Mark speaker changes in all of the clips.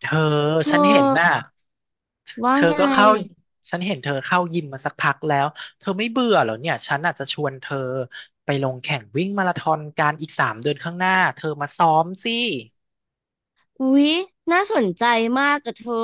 Speaker 1: เธอ
Speaker 2: เธ
Speaker 1: ฉันเห็น
Speaker 2: อ
Speaker 1: น่ะ
Speaker 2: ว่า
Speaker 1: เธอ
Speaker 2: ไง
Speaker 1: ก็เข้าฉันเห็นเธอเข้ายิมมาสักพักแล้วเธอไม่เบื่อเหรอเนี่ยฉันอาจจะชวนเธอไปลงแข่งวิ่งมาราธอนการอีก3 เดือนข้างหน้าเธอมาซ้อมสิ
Speaker 2: อุ๊ยน่าสนใจมากกับเธอ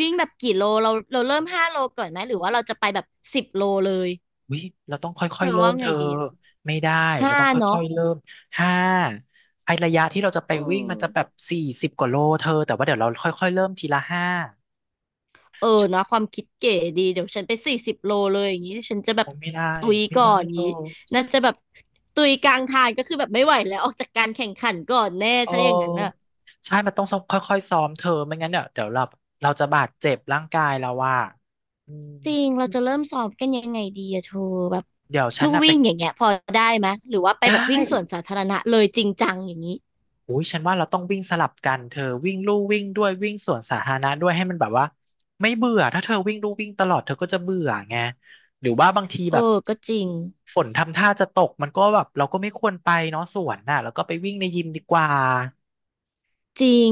Speaker 2: วิ่งแบบกี่โลเราเริ่มห้าโลก่อนไหมหรือว่าเราจะไปแบบสิบโลเลย
Speaker 1: วิเราต้องค่
Speaker 2: เธ
Speaker 1: อย
Speaker 2: อ
Speaker 1: ๆเริ่
Speaker 2: ว่า
Speaker 1: มเธ
Speaker 2: ไง
Speaker 1: อ
Speaker 2: ดีอะ
Speaker 1: ไม่ได้
Speaker 2: ห้า
Speaker 1: เราต้อง
Speaker 2: เนาะ
Speaker 1: ค่อยๆเริ่มห้าไอระยะที่เราจะไป
Speaker 2: เออ
Speaker 1: วิ่งมันจะแบบ40 กว่าโลเธอแต่ว่าเดี๋ยวเราค่อยๆเริ่มทีละห้า
Speaker 2: เออเนอะความคิดเก๋ดีเดี๋ยวฉันไป40 โลเลยอย่างนี้ฉันจะแบบ
Speaker 1: โอ้ไม่ได้
Speaker 2: ตุย
Speaker 1: ไม่
Speaker 2: ก่อ
Speaker 1: ได้
Speaker 2: นอ
Speaker 1: เธ
Speaker 2: ย่าง
Speaker 1: อ
Speaker 2: นี้น่าจะแบบตุยกลางทางก็คือแบบไม่ไหวแล้วออกจากการแข่งขันก่อนแน่
Speaker 1: โอ
Speaker 2: ใช่อย่างนั้นอะ
Speaker 1: ้ใช่มันต้องซ้อมค่อยๆซ้อมเธอไม่งั้นเดี๋ยวเดี๋ยวเราจะบาดเจ็บร่างกายเราว่าอืม
Speaker 2: จริง เราจะเริ่มสอบกันยังไงดีอะเธอแบบ
Speaker 1: เดี๋ยวฉัน
Speaker 2: ลู่
Speaker 1: น่ะไป
Speaker 2: วิ่งอย่างเงี้ยพอได้ไหมยหรือว่าไป
Speaker 1: ได้
Speaker 2: แบบวิ่งสวนสาธารณะเลยจริงจังอย่างนี้
Speaker 1: อุ้ยฉันว่าเราต้องวิ่งสลับกันเธอวิ่งลู่วิ่งด้วยวิ่งสวนสาธารณะด้วยให้มันแบบว่าไม่เบื่อถ้าเธอวิ่งลู่วิ่งตลอดเธอก็จะเบื่อไงหรือว่าบางที
Speaker 2: เออ
Speaker 1: แบบ
Speaker 2: ก็จริง
Speaker 1: ฝนทำท่าจะตกมันก็แบบเราก็ไม่ควรไปเนาะสวนน่ะแล้วก็ไปวิ่งในยิมดีกว่า
Speaker 2: จริง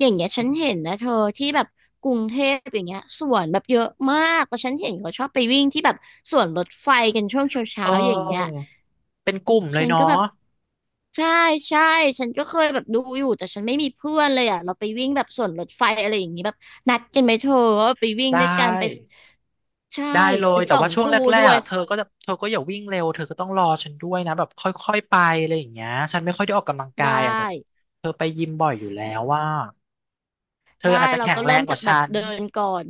Speaker 2: อย่างเงี้ยฉันเห็นนะเธอที่แบบกรุงเทพอย่างเงี้ยสวนแบบเยอะมากแล้วฉันเห็นเขาชอบไปวิ่งที่แบบสวนรถไฟกันช่วงเ
Speaker 1: เอ
Speaker 2: ช้าๆอย่างเงี้ย
Speaker 1: อเป็นกลุ่มเลย
Speaker 2: ฉัน
Speaker 1: เนาะ
Speaker 2: ก็แบบใช่ใช่ฉันก็เคยแบบดูอยู่แต่ฉันไม่มีเพื่อนเลยอ่ะเราไปวิ่งแบบสวนรถไฟอะไรอย่างงี้แบบนัดกันไหมเธอว่าไปวิ่ง
Speaker 1: ได้
Speaker 2: ด้วยกันไปใช่
Speaker 1: ได้เล
Speaker 2: ไป
Speaker 1: ยแต่
Speaker 2: ส่อง
Speaker 1: ว่าช่วง
Speaker 2: ผู้
Speaker 1: แร
Speaker 2: ด้
Speaker 1: ก
Speaker 2: ว
Speaker 1: ๆ
Speaker 2: ย
Speaker 1: อ่ะเธอก็อย่าวิ่งเร็วเธอก็ต้องรอฉันด้วยนะแบบค่อยๆไปอะไรอย่างเงี้ยฉันไม่ค่อยได้ออกกำลังกา
Speaker 2: ได้
Speaker 1: ยอ่ะแต่เธอไปยิมบ่อยอยู่แล้วว่าเธอ
Speaker 2: ได้
Speaker 1: อาจจะ
Speaker 2: เรา
Speaker 1: แข็ง
Speaker 2: ก็
Speaker 1: แร
Speaker 2: เริ่
Speaker 1: ง
Speaker 2: ม
Speaker 1: ก
Speaker 2: จา
Speaker 1: ว่า
Speaker 2: กแบบ
Speaker 1: ฉัน
Speaker 2: เดินก่อน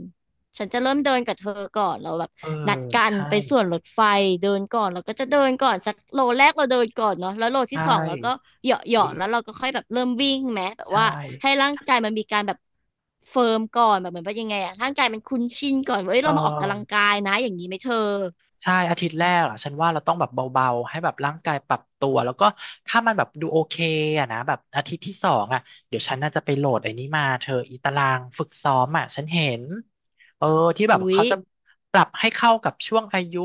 Speaker 2: ฉันจะเริ่มเดินกับเธอก่อนเราแบบ
Speaker 1: เออ
Speaker 2: นัดกัน
Speaker 1: ใช่
Speaker 2: ไปส่วนรถไฟเดินก่อนเราก็จะเดินก่อนสักโลแรกเราเดินก่อนเนาะแล้วโล
Speaker 1: ใช่
Speaker 2: ที่สองเราก็เหยาะเห
Speaker 1: ดี
Speaker 2: ยาะแล้วเราก็ค่อยแบบเริ่มวิ่งแม้แบบ
Speaker 1: ใช่
Speaker 2: ว่าให้ร่างกายมันมีการแบบเฟิร์มก่อนแบบเหมือนว่ายังไงอะร่างกายมันคุ้นชินก่อนว่าเอ้ย
Speaker 1: เออ
Speaker 2: เรามาออกกำลังกายนะอย่างนี้ไหมเธอ
Speaker 1: ใช่อาทิตย์แรกอ่ะฉันว่าเราต้องแบบเบาๆให้แบบร่างกายปรับตัวแล้วก็ถ้ามันแบบดูโอเคอ่ะนะแบบอาทิตย์ที่สองอ่ะเดี๋ยวฉันน่าจะไปโหลดไอ้นี้มาเธออีตารางฝึกซ้อมอ่ะฉันเห็นเออที่แบบ
Speaker 2: อุ๊ย
Speaker 1: เขาจะปรับให้เข้ากับช่วงอายุ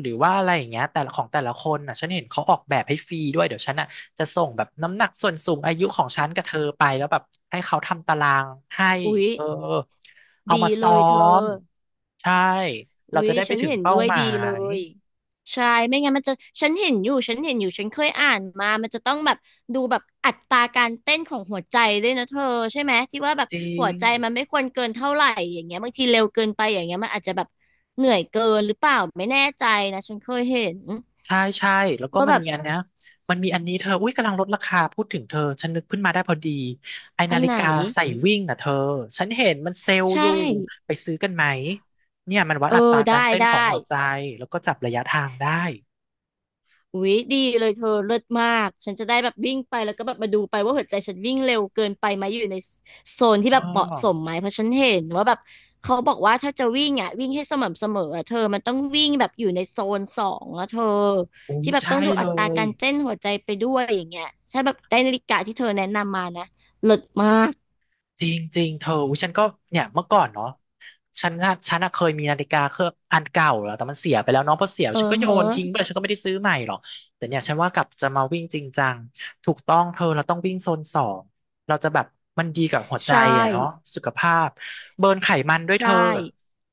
Speaker 1: หรือว่าอะไรอย่างเงี้ยแต่ละของแต่ละคนอ่ะฉันเห็นเขาออกแบบให้ฟรีด้วยเดี๋ยวฉันอ่ะจะส่งแบบน้ำหนักส่วนสูงอายุของฉันกับเธอไปแล้วแบบให้เขาทำตารางให้
Speaker 2: อุ๊ย
Speaker 1: เออ เอา
Speaker 2: ดี
Speaker 1: มา
Speaker 2: เล
Speaker 1: ซ้อ
Speaker 2: ยเธอ
Speaker 1: มใช่เรา
Speaker 2: อุ๊ย
Speaker 1: จะได้ไป
Speaker 2: ฉัน
Speaker 1: ถึง
Speaker 2: เห็น
Speaker 1: เป้า
Speaker 2: ด้วย
Speaker 1: หมา
Speaker 2: ดีเล
Speaker 1: ย
Speaker 2: ยใช่ไม่งั้นมันจะฉันเห็นอยู่ฉันเห็นอยู่ฉันเคยอ่านมามันจะต้องแบบดูแบบอัตราการเต้นของหัวใจด้วยนะเธอใช่ไหมที่ว่าแบบ
Speaker 1: จริ
Speaker 2: หัว
Speaker 1: ง
Speaker 2: ใจมันไม่ควรเกินเท่าไหร่อย่างเงี้ยบางทีเร็วเกินไปอย่างเงี้ยมันอาจจะแบบเหนื่อยเกินหรือเปล่าไม่แน่ใจนะฉันเคยเห็น
Speaker 1: ใช่ใช่แล้วก็
Speaker 2: ว่าแบบ
Speaker 1: มันมีอันนี้เธออุ้ยกำลังลดราคาพูดถึงเธอฉันนึกขึ้นมาได้พอดีไอ
Speaker 2: อั
Speaker 1: นา
Speaker 2: น
Speaker 1: ฬิ
Speaker 2: ไหน
Speaker 1: กาใส่วิ่งอ่ะเธอฉันเห็นมันเซลล์
Speaker 2: ใช่
Speaker 1: อยู่ไปซื้อกันไหมเนี่ยมันวัด
Speaker 2: เออ
Speaker 1: อัตรา
Speaker 2: ได้
Speaker 1: การเต้น
Speaker 2: ได้
Speaker 1: ของหัวใจแล้วก็จับระยะทางได้
Speaker 2: อุ๊ยดีเลยเธอเลิศมากฉันจะได้แบบวิ่งไปแล้วก็แบบมาดูไปว่าหัวใจฉันวิ่งเร็วเกินไปไหมอยู่ในโซนที่แบ
Speaker 1: อ๋อ
Speaker 2: บเหมาะสมไหมเพราะฉันเห็นว่าแบบเขาบอกว่าถ้าจะวิ่งอ่ะวิ่งให้สม่ำเสมออ่ะเธอมันต้องวิ่งแบบอยู่ในโซน 2อ่ะเธอ
Speaker 1: อุ้ย
Speaker 2: ที่แบบ
Speaker 1: ใช่
Speaker 2: ต้องดู
Speaker 1: เล
Speaker 2: อัตรา
Speaker 1: ย
Speaker 2: การเต้นหัวใจไปด้วยอย่างเงี้ยถ้าแบบได้นาฬิกาที่เธอแนะนำมานะเลิศมาก
Speaker 1: จริงจริงเธออุ๊ยฉันก็เนี่ยเมื่อก่อนเนาะฉันอะเคยมีนาฬิกาเครื่องอันเก่าแล้วแต่มันเสียไปแล้วเน้องพอเสีย
Speaker 2: เออ
Speaker 1: ฉันก็โย
Speaker 2: เฮะ
Speaker 1: นทิ้งไปฉันก็ไม่ได้ซื้อใหม่หรอกแต่เนี่ยฉันว่ากลับจะมาวิ่งจริงจังถูกต้องเธอเราต้องวิ่งโซนสองเราจะแบบมันดีกับหัวใจ
Speaker 2: ใช่
Speaker 1: อะเนาะสุขภาพเบิร์นไขมันด้วยเธ
Speaker 2: ใช่
Speaker 1: อ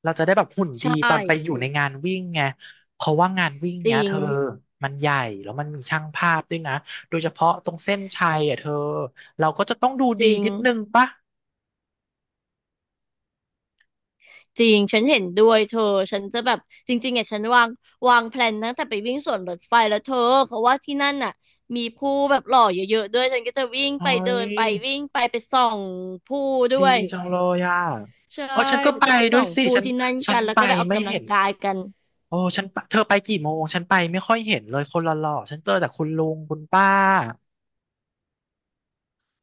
Speaker 1: เราจะได้แบบหุ่น
Speaker 2: ใช
Speaker 1: ดีต
Speaker 2: ่
Speaker 1: อนไปอยู่ในงานวิ่งไงเพราะว่างานวิ่ง
Speaker 2: จ
Speaker 1: เนี้ย
Speaker 2: ริ
Speaker 1: เธ
Speaker 2: ง
Speaker 1: อมันใหญ่แล้วมันมีช่างภาพด้วยนะโดยเฉพาะตรงเส้นชัยอ่ะเธอเราก็จะต้องดู
Speaker 2: จ
Speaker 1: ดี
Speaker 2: ริง
Speaker 1: นิดนึงปะ
Speaker 2: จริง ฉันเห็นด้วยเธอฉันจะแบบจริงๆอ่ะฉันวางแพลนตั้งแต่ไปวิ่งสวนรถไฟแล้วเธอเขาว่าที่นั่นน่ะมีผู้แบบหล่อเยอะๆด้วยฉันก็จะวิ่ง
Speaker 1: เฮ้
Speaker 2: ไปเดิ
Speaker 1: ย
Speaker 2: นไปวิ่งไปไปส่องผู้ด้
Speaker 1: ดี
Speaker 2: วย
Speaker 1: จังเลยอ่ะ
Speaker 2: ใช่
Speaker 1: อ๋อฉันก็
Speaker 2: เรา
Speaker 1: ไป
Speaker 2: จะไป
Speaker 1: ด้
Speaker 2: ส่
Speaker 1: วย
Speaker 2: อง
Speaker 1: สิ
Speaker 2: ผู้
Speaker 1: ฉัน
Speaker 2: ที่นั่น
Speaker 1: ฉั
Speaker 2: กั
Speaker 1: น
Speaker 2: นแล้ว
Speaker 1: ไป
Speaker 2: ก็ได้ออก
Speaker 1: ไม่
Speaker 2: กำลั
Speaker 1: เห็
Speaker 2: ง
Speaker 1: น
Speaker 2: กายกัน
Speaker 1: โอ้ฉันไปเธอไปกี่โมงฉันไปไม่ค่อยเห็นเลยคนหล่อๆฉันเจอแต่คุณลุงคุณป้า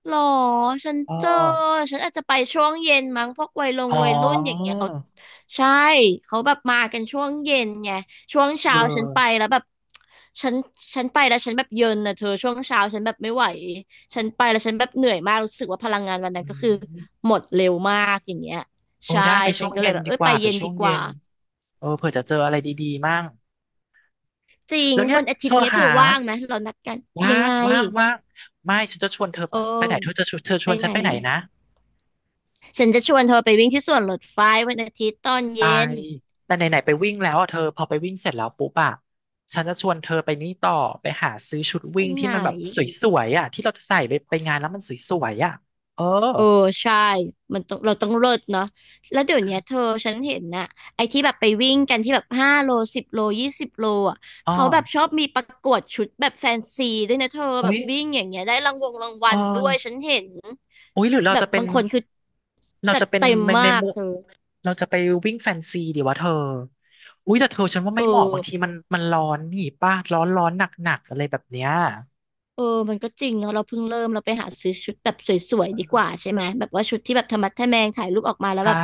Speaker 2: หรอฉัน
Speaker 1: เอ
Speaker 2: เจอ
Speaker 1: อ
Speaker 2: ฉันอาจจะไปช่วงเย็นมั้งพวกวัยลง
Speaker 1: อ๋อ
Speaker 2: วัยรุ่นอย่างเงี้ยเขา ใช่เขาแบบมากันช่วงเย็นไงช่วง
Speaker 1: เอ
Speaker 2: เช้าฉันไป
Speaker 1: อ
Speaker 2: แล้วแบบฉันฉันไปแล้วฉันแบบเย็นนะเธอช่วงเช้าฉันแบบไม่ไหวฉันไปแล้วฉันแบบเหนื่อยมากรู้สึกว่าพลังงานวันนั้
Speaker 1: อื
Speaker 2: นก็คือ
Speaker 1: ม
Speaker 2: หมดเร็วมากอย่างเงี้ย
Speaker 1: โอ้
Speaker 2: ใช่
Speaker 1: ได้ไป
Speaker 2: ฉั
Speaker 1: ช่
Speaker 2: น
Speaker 1: วง
Speaker 2: ก็เล
Speaker 1: เย็
Speaker 2: ย
Speaker 1: น
Speaker 2: แบบ
Speaker 1: ดี
Speaker 2: เอ้ย
Speaker 1: ก
Speaker 2: ไป
Speaker 1: ว่าไป
Speaker 2: เย็น
Speaker 1: ช่
Speaker 2: ดี
Speaker 1: วง
Speaker 2: ก
Speaker 1: เย็
Speaker 2: ว่า
Speaker 1: นเออเผื่อจะเจออะไรดีๆมั่ง
Speaker 2: จริง
Speaker 1: แล้วเนี่ย
Speaker 2: วันอา
Speaker 1: เธ
Speaker 2: ทิต
Speaker 1: อ
Speaker 2: ย์เนี้ยเธ
Speaker 1: หา
Speaker 2: อว่างไหมเรานัดกันยั
Speaker 1: ว่า
Speaker 2: ง
Speaker 1: ง
Speaker 2: ไง
Speaker 1: ว่างว่างไม่ฉันจะชวนเธอ
Speaker 2: โ
Speaker 1: ไปไหนเธอ
Speaker 2: อ
Speaker 1: จะ
Speaker 2: อ
Speaker 1: ชวนเธอช
Speaker 2: ไป
Speaker 1: วนฉั
Speaker 2: ไหน
Speaker 1: นไปไหนนะ
Speaker 2: ฉันจะชวนเธอไปวิ่งที่สวนรถไฟวันอาทิตย์ตอน
Speaker 1: ตา
Speaker 2: เย็น
Speaker 1: ยแต่ไหนๆไปวิ่งแล้วอ่ะเธอพอไปวิ่งเสร็จแล้วปุ๊บอ่ะฉันจะชวนเธอไปนี่ต่อไปหาซื้อชุด
Speaker 2: ไป
Speaker 1: วิ่งที่
Speaker 2: ไหน
Speaker 1: มันแบบสวยๆอ่ะที่เราจะใส่ไปงานแล้วมันสวยๆอ่ะเออ
Speaker 2: เออใช่มันต้องเราต้องเลิศเนาะแล้วเดี๋ยวเนี้ยเธอฉันเห็นนะไอ้ที่แบบไปวิ่งกันที่แบบห้าโลสิบโล20 โลอ่ะ
Speaker 1: อ๋อ
Speaker 2: เขาแบบชอบมีประกวดชุดแบบแฟนซีด้วยนะเธอแบ
Speaker 1: อุ๊
Speaker 2: บ
Speaker 1: ย
Speaker 2: วิ่งอย่างเงี้ยได้รางวงรางวั
Speaker 1: เออ
Speaker 2: ลด้วยฉันเห็น
Speaker 1: อุ๊ยหรือเรา
Speaker 2: แบบ
Speaker 1: จะเป็น
Speaker 2: บางคนคือ
Speaker 1: เรา
Speaker 2: จัด
Speaker 1: จะเป็น
Speaker 2: เต็มมา
Speaker 1: ใน
Speaker 2: ก
Speaker 1: มุ
Speaker 2: เธอ
Speaker 1: เราจะไปวิ่งแฟนซีดีวะเธออุ๊ยแต่เธอฉันว่า
Speaker 2: เออ
Speaker 1: ไม่เหมาะบางทีมันมันร้อนนี่ป้าร้อนหนักหนักๆอะไรแบบเนี้ย
Speaker 2: เออมันก็จริงเนาะเราเพิ่งเริ่มเราไปหาซื้อชุดแบบสวยๆดีกว่าใช่ไหมแบบว่าชุดที่แบบธรรมะแทะแมงถ่ายรูปออกมาแล้ว
Speaker 1: ใช่
Speaker 2: แบบ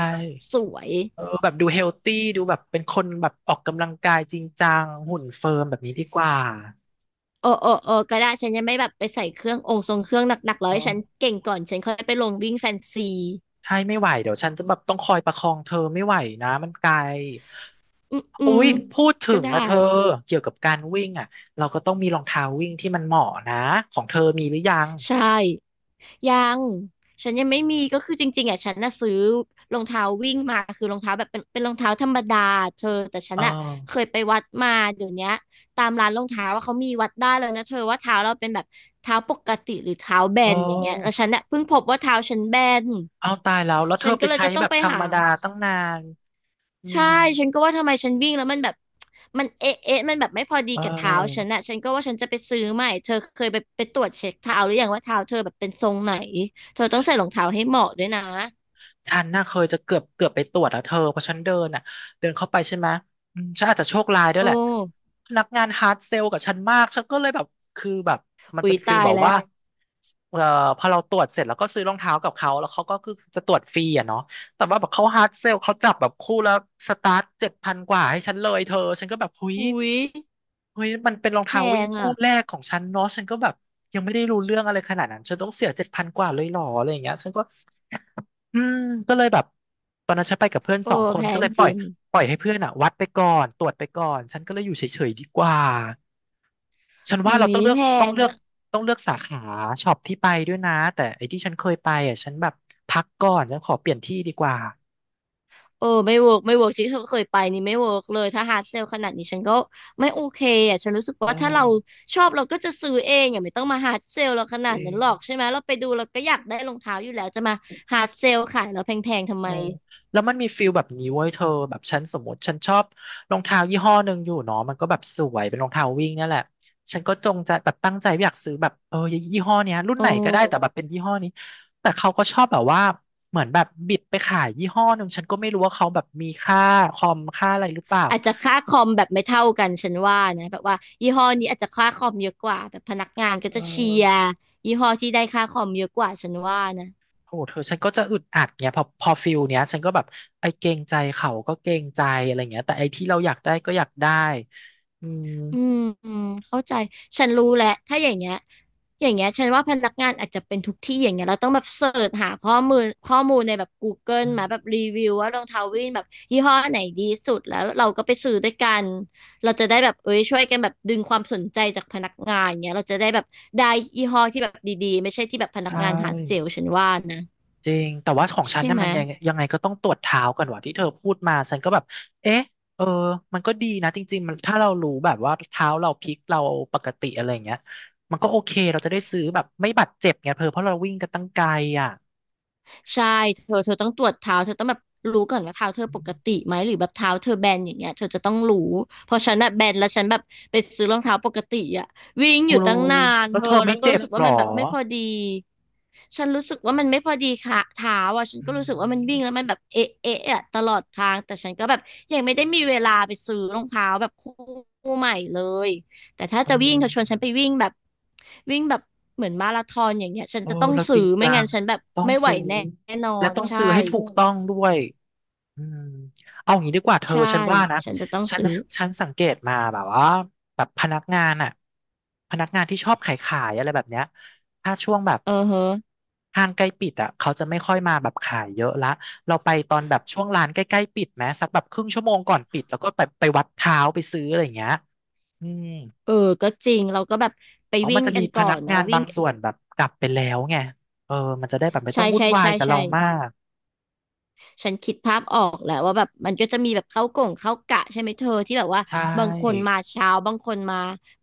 Speaker 2: สวย
Speaker 1: เออแบบดูเฮลตี้ดูแบบเป็นคนแบบออกกำลังกายจริงจังหุ่นเฟิร์มแบบนี้ดีกว่า
Speaker 2: เออเออเออก็ได้ฉันยังไม่แบบไปใส่เครื่ององค์ทรงเครื่องหนักๆแล้
Speaker 1: เอ
Speaker 2: วให้ฉัน
Speaker 1: อ
Speaker 2: เก่งก่อนฉันค่อยไปลงวิ่งแฟนซี
Speaker 1: ใช่ไม่ไหวเดี๋ยวฉันจะแบบต้องคอยประคองเธอไม่ไหวนะมันไกล
Speaker 2: อืมอื
Speaker 1: อุ๊
Speaker 2: ม
Speaker 1: ยพูดถึ
Speaker 2: ก็
Speaker 1: ง
Speaker 2: ได้
Speaker 1: นะเธอเกี่ยวกับการวิ่งอ่ะเราก็ต้องมีรองเท้าวิ่งที่มันเหมาะนะของเธอมีหรือยัง
Speaker 2: ใช่ยังฉันยังไม่มีก็คือจริงๆอ่ะฉันน่ะซื้อรองเท้าวิ่งมาคือรองเท้าแบบเป็นรองเท้าธรรมดาเธอแต่ฉั
Speaker 1: เออ
Speaker 2: นอ่ะเคยไปวัดมาเดี๋ยวเนี้ยตามร้านรองเท้าว่าเขามีวัดได้เลยนะเธอว่าเท้าเราเป็นแบบเท้าปกติหรือเท้าแบ
Speaker 1: เอ
Speaker 2: นอย่างเงี้ยแล้ว
Speaker 1: อ
Speaker 2: ฉันน่ะเพิ่งพบว่าเท้าฉันแบน
Speaker 1: เอาตายแล้วแล้วเธ
Speaker 2: ฉั
Speaker 1: อ
Speaker 2: น
Speaker 1: ไป
Speaker 2: ก็เลย
Speaker 1: ใช้
Speaker 2: จะต้อ
Speaker 1: แบ
Speaker 2: ง
Speaker 1: บ
Speaker 2: ไป
Speaker 1: ธรร
Speaker 2: หา
Speaker 1: มดาตั้งนานอื
Speaker 2: ใช่
Speaker 1: ม
Speaker 2: ฉันก็ว่าทำไมฉันวิ่งแล้วมันแบบมันเอ๊ะเอ๊ะมันแบบไม่พอดี
Speaker 1: เอ
Speaker 2: กับเท้าฉัน
Speaker 1: อ
Speaker 2: อะฉันก็ว่าฉันจะไปซื้อใหม่เธอเคยไปตรวจเช็คเท้าหรือยังว่าเท้าเธอแบบเป็นทรงไหนเธอต้องใส่รองเท้าให้เหมาะด้วยนะ
Speaker 1: ฉันน่ะเคยจะเกือบไปตรวจแล้วเธอเพราะฉันเดินอ่ะเดินเข้าไปใช่ไหมอืมฉันอาจจะโชคร้ายด้ว
Speaker 2: โอ
Speaker 1: ยแหละ
Speaker 2: ้
Speaker 1: พนักงานฮาร์ดเซลกับฉันมากฉันก็เลยแบบคือแบบมัน
Speaker 2: อุ๊
Speaker 1: เป็
Speaker 2: ย
Speaker 1: นฟีล
Speaker 2: ตาย
Speaker 1: แบอก
Speaker 2: แล้ว
Speaker 1: ว่าเอ่อพอเราตรวจเสร็จแล้วก็ซื้อรองเท้ากับเขาแล้วเขาก็คือจะตรวจฟรีอ่ะเนาะแต่ว่าแบบเขาฮาร์ดเซลเขาจับแบบคู่แล้วสตาร์ทเจ็ดพันกว่าให้ฉันเลยเธอฉันก็แบบเฮ้ย
Speaker 2: อุ๊ย
Speaker 1: เฮ้ยมันเป็นรอง
Speaker 2: แพ
Speaker 1: เท้าวิ่ง
Speaker 2: ง
Speaker 1: คู่
Speaker 2: อะ
Speaker 1: แรกของฉันเนาะฉันก็แบบยังไม่ได้รู้เรื่องอะไรขนาดนั้นฉันต้องเสียเจ็ดพันกว่าเลยเหรออะไรอย่างเงี้ยฉันก็ อืมก็เลยแบบตอนนั้นฉันไปกับเพื่อน
Speaker 2: โอ้
Speaker 1: 2 คน
Speaker 2: แพ
Speaker 1: ก็
Speaker 2: ง
Speaker 1: เลยป
Speaker 2: จ
Speaker 1: ล่อ
Speaker 2: ริ
Speaker 1: ย
Speaker 2: ง
Speaker 1: ปล่อยให้เพื่อนอ่ะวัดไปก่อนตรวจไปก่อนฉันก็เลยอยู่เฉยๆดีกว่าฉัน
Speaker 2: อุ๊
Speaker 1: ว่าเราต้อ
Speaker 2: ย
Speaker 1: งเลือก
Speaker 2: แพ
Speaker 1: ต้อง
Speaker 2: ง
Speaker 1: เลือก
Speaker 2: อะ
Speaker 1: ต้องเลือกสาขาช็อปที่ไปด้วยนะแต่ไอ้ที่ฉันเคยไปอ่ะฉันแบบพักก่อนฉันขอเปลี่ยนที่ดีกว่า
Speaker 2: เออไม่เวิร์กไม่เวิร์กที่เธอเคยไปนี่ไม่เวิร์กเลยถ้าฮาร์ดเซลขนาดนี้ฉันก็ไม่โอเคอ่ะฉันรู้สึก
Speaker 1: อ๋อ
Speaker 2: ว่าถ้าเราชอบเราก็จะซื้อเองอ่ะไม่ต้องมาฮาร์ดเซลเราข
Speaker 1: จ
Speaker 2: นาด
Speaker 1: ริ
Speaker 2: นั้นหรอก
Speaker 1: ง
Speaker 2: ใช่ไหมเราไปดูเราก็อยากได้รองเท้าอยู่แล้วจะมาฮาร์ดเซลขายเราแพงๆทำ
Speaker 1: เอ
Speaker 2: ไม
Speaker 1: อแล้วมันมีฟิลแบบนี้เว้ยเธอแบบฉันสมมติฉันชอบรองเท้ายี่ห้อหนึ่งอยู่เนาะมันก็แบบสวยเป็นรองเท้าวิ่งเนี่ยแหละฉันก็จงใจแบบตั้งใจอยากซื้อแบบยี่ห้อเนี้ยรุ่น
Speaker 2: เอ
Speaker 1: ไหนก็ได้แต่แบ
Speaker 2: อ
Speaker 1: บเป็นยี่ห้อนี้แต่เขาก็ชอบแบบว่าเหมือนแบบบิดไปขายยี่ห้อหนึ่งฉันก็ไม่รู้ว่าเขาแบบมีค่าคอมค่าอะไรหรือเปล่า
Speaker 2: อาจจะค่าคอมแบบไม่เท่ากันฉันว่านะแบบว่ายี่ห้อนี้อาจจะค่าคอมเยอะกว่าแบบพนักงานก็
Speaker 1: เอ
Speaker 2: จะเชียร์
Speaker 1: อ
Speaker 2: ยี่ห้อที่ได้ค่าคอมเยอะกว่าฉันว่านะ
Speaker 1: โหเธอฉันก็จะอึดอัดเงี้ยพอฟิลเนี้ยฉันก็แบบไอ้เกรงใจเขาก็เกรงใจอะไรเงี้ยแต่ไอ้ที่เราอยากได้ก็อยากได้อืม
Speaker 2: อืมอืมเข้าใจฉันรู้แหละถ้าอย่างเงี้ยอย่างเงี้ยฉันว่าพนักงานอาจจะเป็นทุกที่อย่างเงี้ยเราต้องแบบเสิร์ชหาข้อมูลในแบบ Google
Speaker 1: อื
Speaker 2: มาแบบ
Speaker 1: ม
Speaker 2: รีวิวว่ารองเท้าวิ่งแบบยี่ห้อไหนดีสุดแล้วเราก็ไปซื้อด้วยกันเราจะได้แบบเอ้ยช่วยกันแบบดึงความสนใจจากพนักงานเงี้ยเราจะได้แบบได้ยี่ห้อที่แบบดีๆไม่ใช่ที่แบบพนัก
Speaker 1: ใช่
Speaker 2: งานหาเซลล์ฉันว่านะ
Speaker 1: จริงแต่ว่าของฉัน
Speaker 2: ใช่
Speaker 1: เนี่ย
Speaker 2: ไหม
Speaker 1: มันยังไงก็ต้องตรวจเท้าก่อนว่ะที่เธอพูดมาฉันก็แบบเอ๊ะเออมันก็ดีนะจริงๆมันถ้าเรารู้แบบว่าเท้าเราพลิกเราปกติอะไรอย่างเงี้ยมันก็โอเคเราจะได้ซื้อแบบไม่บาดเจ็บไงเธอเพราะเราวิ่งกันตั้งไกลอ่ะ
Speaker 2: ใช่เธอต้องตรวจเท้าเธอต้องแบบรู้ก่อนว่าเท้าเธอปกติไหมหรือแบบเท้าเธอแบนอย่างเงี้ยเธอจะต้องรู้เพราะฉันอะแบนแล้วฉันแบบไปซื้อรองเท้าปกติอะวิ่ง
Speaker 1: โอ้
Speaker 2: อยู่ตั้ง
Speaker 1: ย
Speaker 2: นาน
Speaker 1: แล้
Speaker 2: เธ
Speaker 1: วเธ
Speaker 2: อ
Speaker 1: อไม่
Speaker 2: แล้วก็
Speaker 1: เจ็
Speaker 2: รู้
Speaker 1: บ
Speaker 2: สึก
Speaker 1: ห
Speaker 2: ว่า
Speaker 1: รอ
Speaker 2: มันแบบไม่พอดีฉันรู้สึกว่ามันไม่พอดีค่ะเท้าอ่ะฉัน
Speaker 1: อื
Speaker 2: ก็รู้สึกว่ามัน
Speaker 1: ม
Speaker 2: วิ่งแล้วมันแบบเอะเอะอะตลอดทางแต่ฉันก็แบบยังไม่ได้มีเวลาไปซื้อรองเท้าแบบคู่ใหม่เลย แต่ถ้า
Speaker 1: เออ
Speaker 2: จะวิ่งเธอชวนฉันไปวิ่งแบบวิ่งแบบเหมือนมาราธอนอย่างเงี้ยฉัน
Speaker 1: โอ้
Speaker 2: จะต้อง
Speaker 1: เราจ
Speaker 2: ซื้อ
Speaker 1: ริง
Speaker 2: ไม่
Speaker 1: จั
Speaker 2: งั้
Speaker 1: ง
Speaker 2: นฉันแบบ
Speaker 1: ต้อง
Speaker 2: ไม่ไหว
Speaker 1: ซื้อ
Speaker 2: แน่นอ
Speaker 1: และ
Speaker 2: น
Speaker 1: ต้อง
Speaker 2: ใช่
Speaker 1: ซื้อให้ถูกต้องด้วยอืมเอาอย่างนี้ดีกว่าเธอ
Speaker 2: ใช่
Speaker 1: ฉันว่านะ
Speaker 2: ฉันจะต้อง
Speaker 1: ฉัน
Speaker 2: ซื้อ
Speaker 1: ฉันสังเกตมาแบบว่าแบบพนักงานอะพนักงานที่ชอบขายอะไรแบบเนี้ยถ้าช่วงแบบ
Speaker 2: เออเฮะ
Speaker 1: ห้างใกล้ปิดอะเขาจะไม่ค่อยมาแบบขายเยอะละเราไปตอนแบบช่วงร้านใกล้ๆปิดไหมสักแบบครึ่งชั่วโมงก่อนปิดแล้วก็ไปวัดเท้าไปซื้ออะไรอย่างเงี้ยอืม
Speaker 2: เออก็จริงเราก็แบบไป
Speaker 1: อ๋อ
Speaker 2: วิ่
Speaker 1: มัน
Speaker 2: ง
Speaker 1: จะ
Speaker 2: กั
Speaker 1: มี
Speaker 2: น
Speaker 1: พ
Speaker 2: ก่อ
Speaker 1: นัก
Speaker 2: นเนาะ
Speaker 1: งาน
Speaker 2: วิ่
Speaker 1: บา
Speaker 2: ง
Speaker 1: งส่วนแบบกลับไปแล้วไงเออมันจะได้แบบไม่ต้อ
Speaker 2: ใช่
Speaker 1: งวุ่น
Speaker 2: ใช่
Speaker 1: วาย
Speaker 2: ใช่
Speaker 1: กับเรา
Speaker 2: ใช่
Speaker 1: มาก
Speaker 2: ฉันคิดภาพออกแหละว่าแบบมันก็จะมีแบบเข้ากล่งเข้ากะใช่ไหมเธอที่แบบว่า
Speaker 1: ใช
Speaker 2: บางคน
Speaker 1: ่
Speaker 2: มาเช้าบางคนมา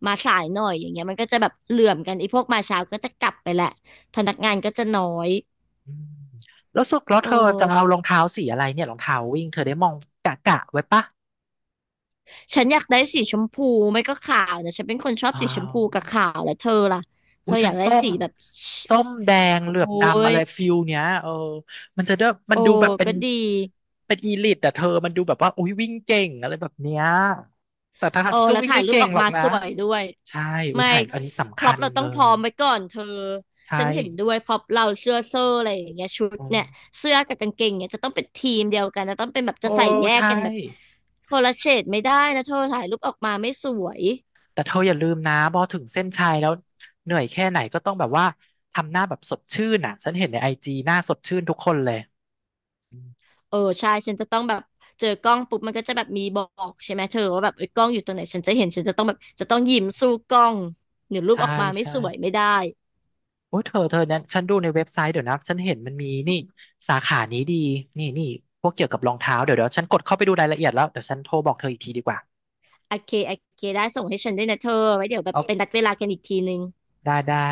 Speaker 2: มาสายหน่อยอย่างเงี้ยมันก็จะแบบเหลื่อมกันไอ้พวกมาเช้าก็จะกลับไปแหละพนักงานก็จะน้อย
Speaker 1: อืมแล้วสุดแล้ว
Speaker 2: เอ
Speaker 1: เธ
Speaker 2: อ
Speaker 1: อจะเอารองเท้าสีอะไรเนี่ยรองเท้าวิ่งเธอได้มองกะไว้ปะ
Speaker 2: ฉันอยากได้สีชมพูไม่ก็ขาวเนี่ยฉันเป็นคนชอบ
Speaker 1: อ้า
Speaker 2: สีชม
Speaker 1: ว
Speaker 2: พูกับขาวแล้วเธอล่ะเธ
Speaker 1: อุ้ย
Speaker 2: ออ
Speaker 1: ฉัน
Speaker 2: ยากได้
Speaker 1: ส้ม
Speaker 2: สีแบบ
Speaker 1: ส้มแดงเหลือบ
Speaker 2: โอ้
Speaker 1: ดำอะ
Speaker 2: ย
Speaker 1: ไรฟิลเนี้ยเออมันจะได้มัน
Speaker 2: โอ้
Speaker 1: ดูแบบเป็น
Speaker 2: ก็ดี
Speaker 1: เป็นอีลิทแต่เธอมันดูแบบว่าอุ้ยวิ่งเก่งอะไรแบบเนี้ยแต่ทาง
Speaker 2: โอ้
Speaker 1: ที่ก็
Speaker 2: แล้ว
Speaker 1: วิ่ง
Speaker 2: ถ่าย
Speaker 1: ไม่
Speaker 2: รูป
Speaker 1: เก่ง
Speaker 2: ออก
Speaker 1: หรอก
Speaker 2: มา
Speaker 1: นะ
Speaker 2: สวยด้วย
Speaker 1: ใช่อุ้ย
Speaker 2: ไม่
Speaker 1: ถ่ายอันนี้
Speaker 2: พ
Speaker 1: สำ
Speaker 2: ร็
Speaker 1: คั
Speaker 2: อพ
Speaker 1: ญ
Speaker 2: เราต้
Speaker 1: เล
Speaker 2: องพร้อ
Speaker 1: ย
Speaker 2: มไว้ก่อนเธอ
Speaker 1: ใช่
Speaker 2: ฉันเห็นด้วยพร็อพเราเสื้อเซอร์อะไรอย่างเงี้ยชุดเนี่ยเสื้อกับกางเกงเนี่ยจะต้องเป็นทีมเดียวกันนะต้องเป็นแบบ
Speaker 1: โอ้
Speaker 2: จะใส่แยก
Speaker 1: ใช่
Speaker 2: กันแบบคนละเฉดไม่ได้นะเธอถ่ายรูปออกมาไม่สวย
Speaker 1: แต่เธออย่าลืมนะพอถึงเส้นชัยแล้วเหนื่อยแค่ไหนก็ต้องแบบว่าทำหน้าแบบสดชื่นอ่ะฉันเห็นในIGหน้าสดชื่นทุกคนเลยอืม
Speaker 2: เออใช่ฉันจะต้องแบบเจอกล้องปุ๊บมันก็จะแบบมีบอกใช่ไหมเธอว่าแบบเอ้ยกล้องอยู่ตรงไหนฉันจะเห็นฉันจะต้องแบบจะต้องยิ้มสู้กล้องเดี๋ยรูป
Speaker 1: ใช่
Speaker 2: ออกมาไม่
Speaker 1: ใช่
Speaker 2: สวยไม่ได้
Speaker 1: โอ้ยเธอเธอเนี่ยฉันดูในเว็บไซต์เดี๋ยวนะฉันเห็นมันมีนี่สาขานี้ดีนี่นี่พวกเกี่ยวกับรองเท้าเดี๋ยวฉันกดเข้าไปดูรายละเอียดแล้วเดี๋ยวฉันโทรบอกเธออีกทีดีกว่า
Speaker 2: โอเคโอเคได้ส่งให้ฉันด้วยนะเธอไว้เดี๋ยวแบ
Speaker 1: โอ
Speaker 2: บเป็นนั
Speaker 1: เค
Speaker 2: ดเวลากันอีกทีนึง
Speaker 1: ได้ได้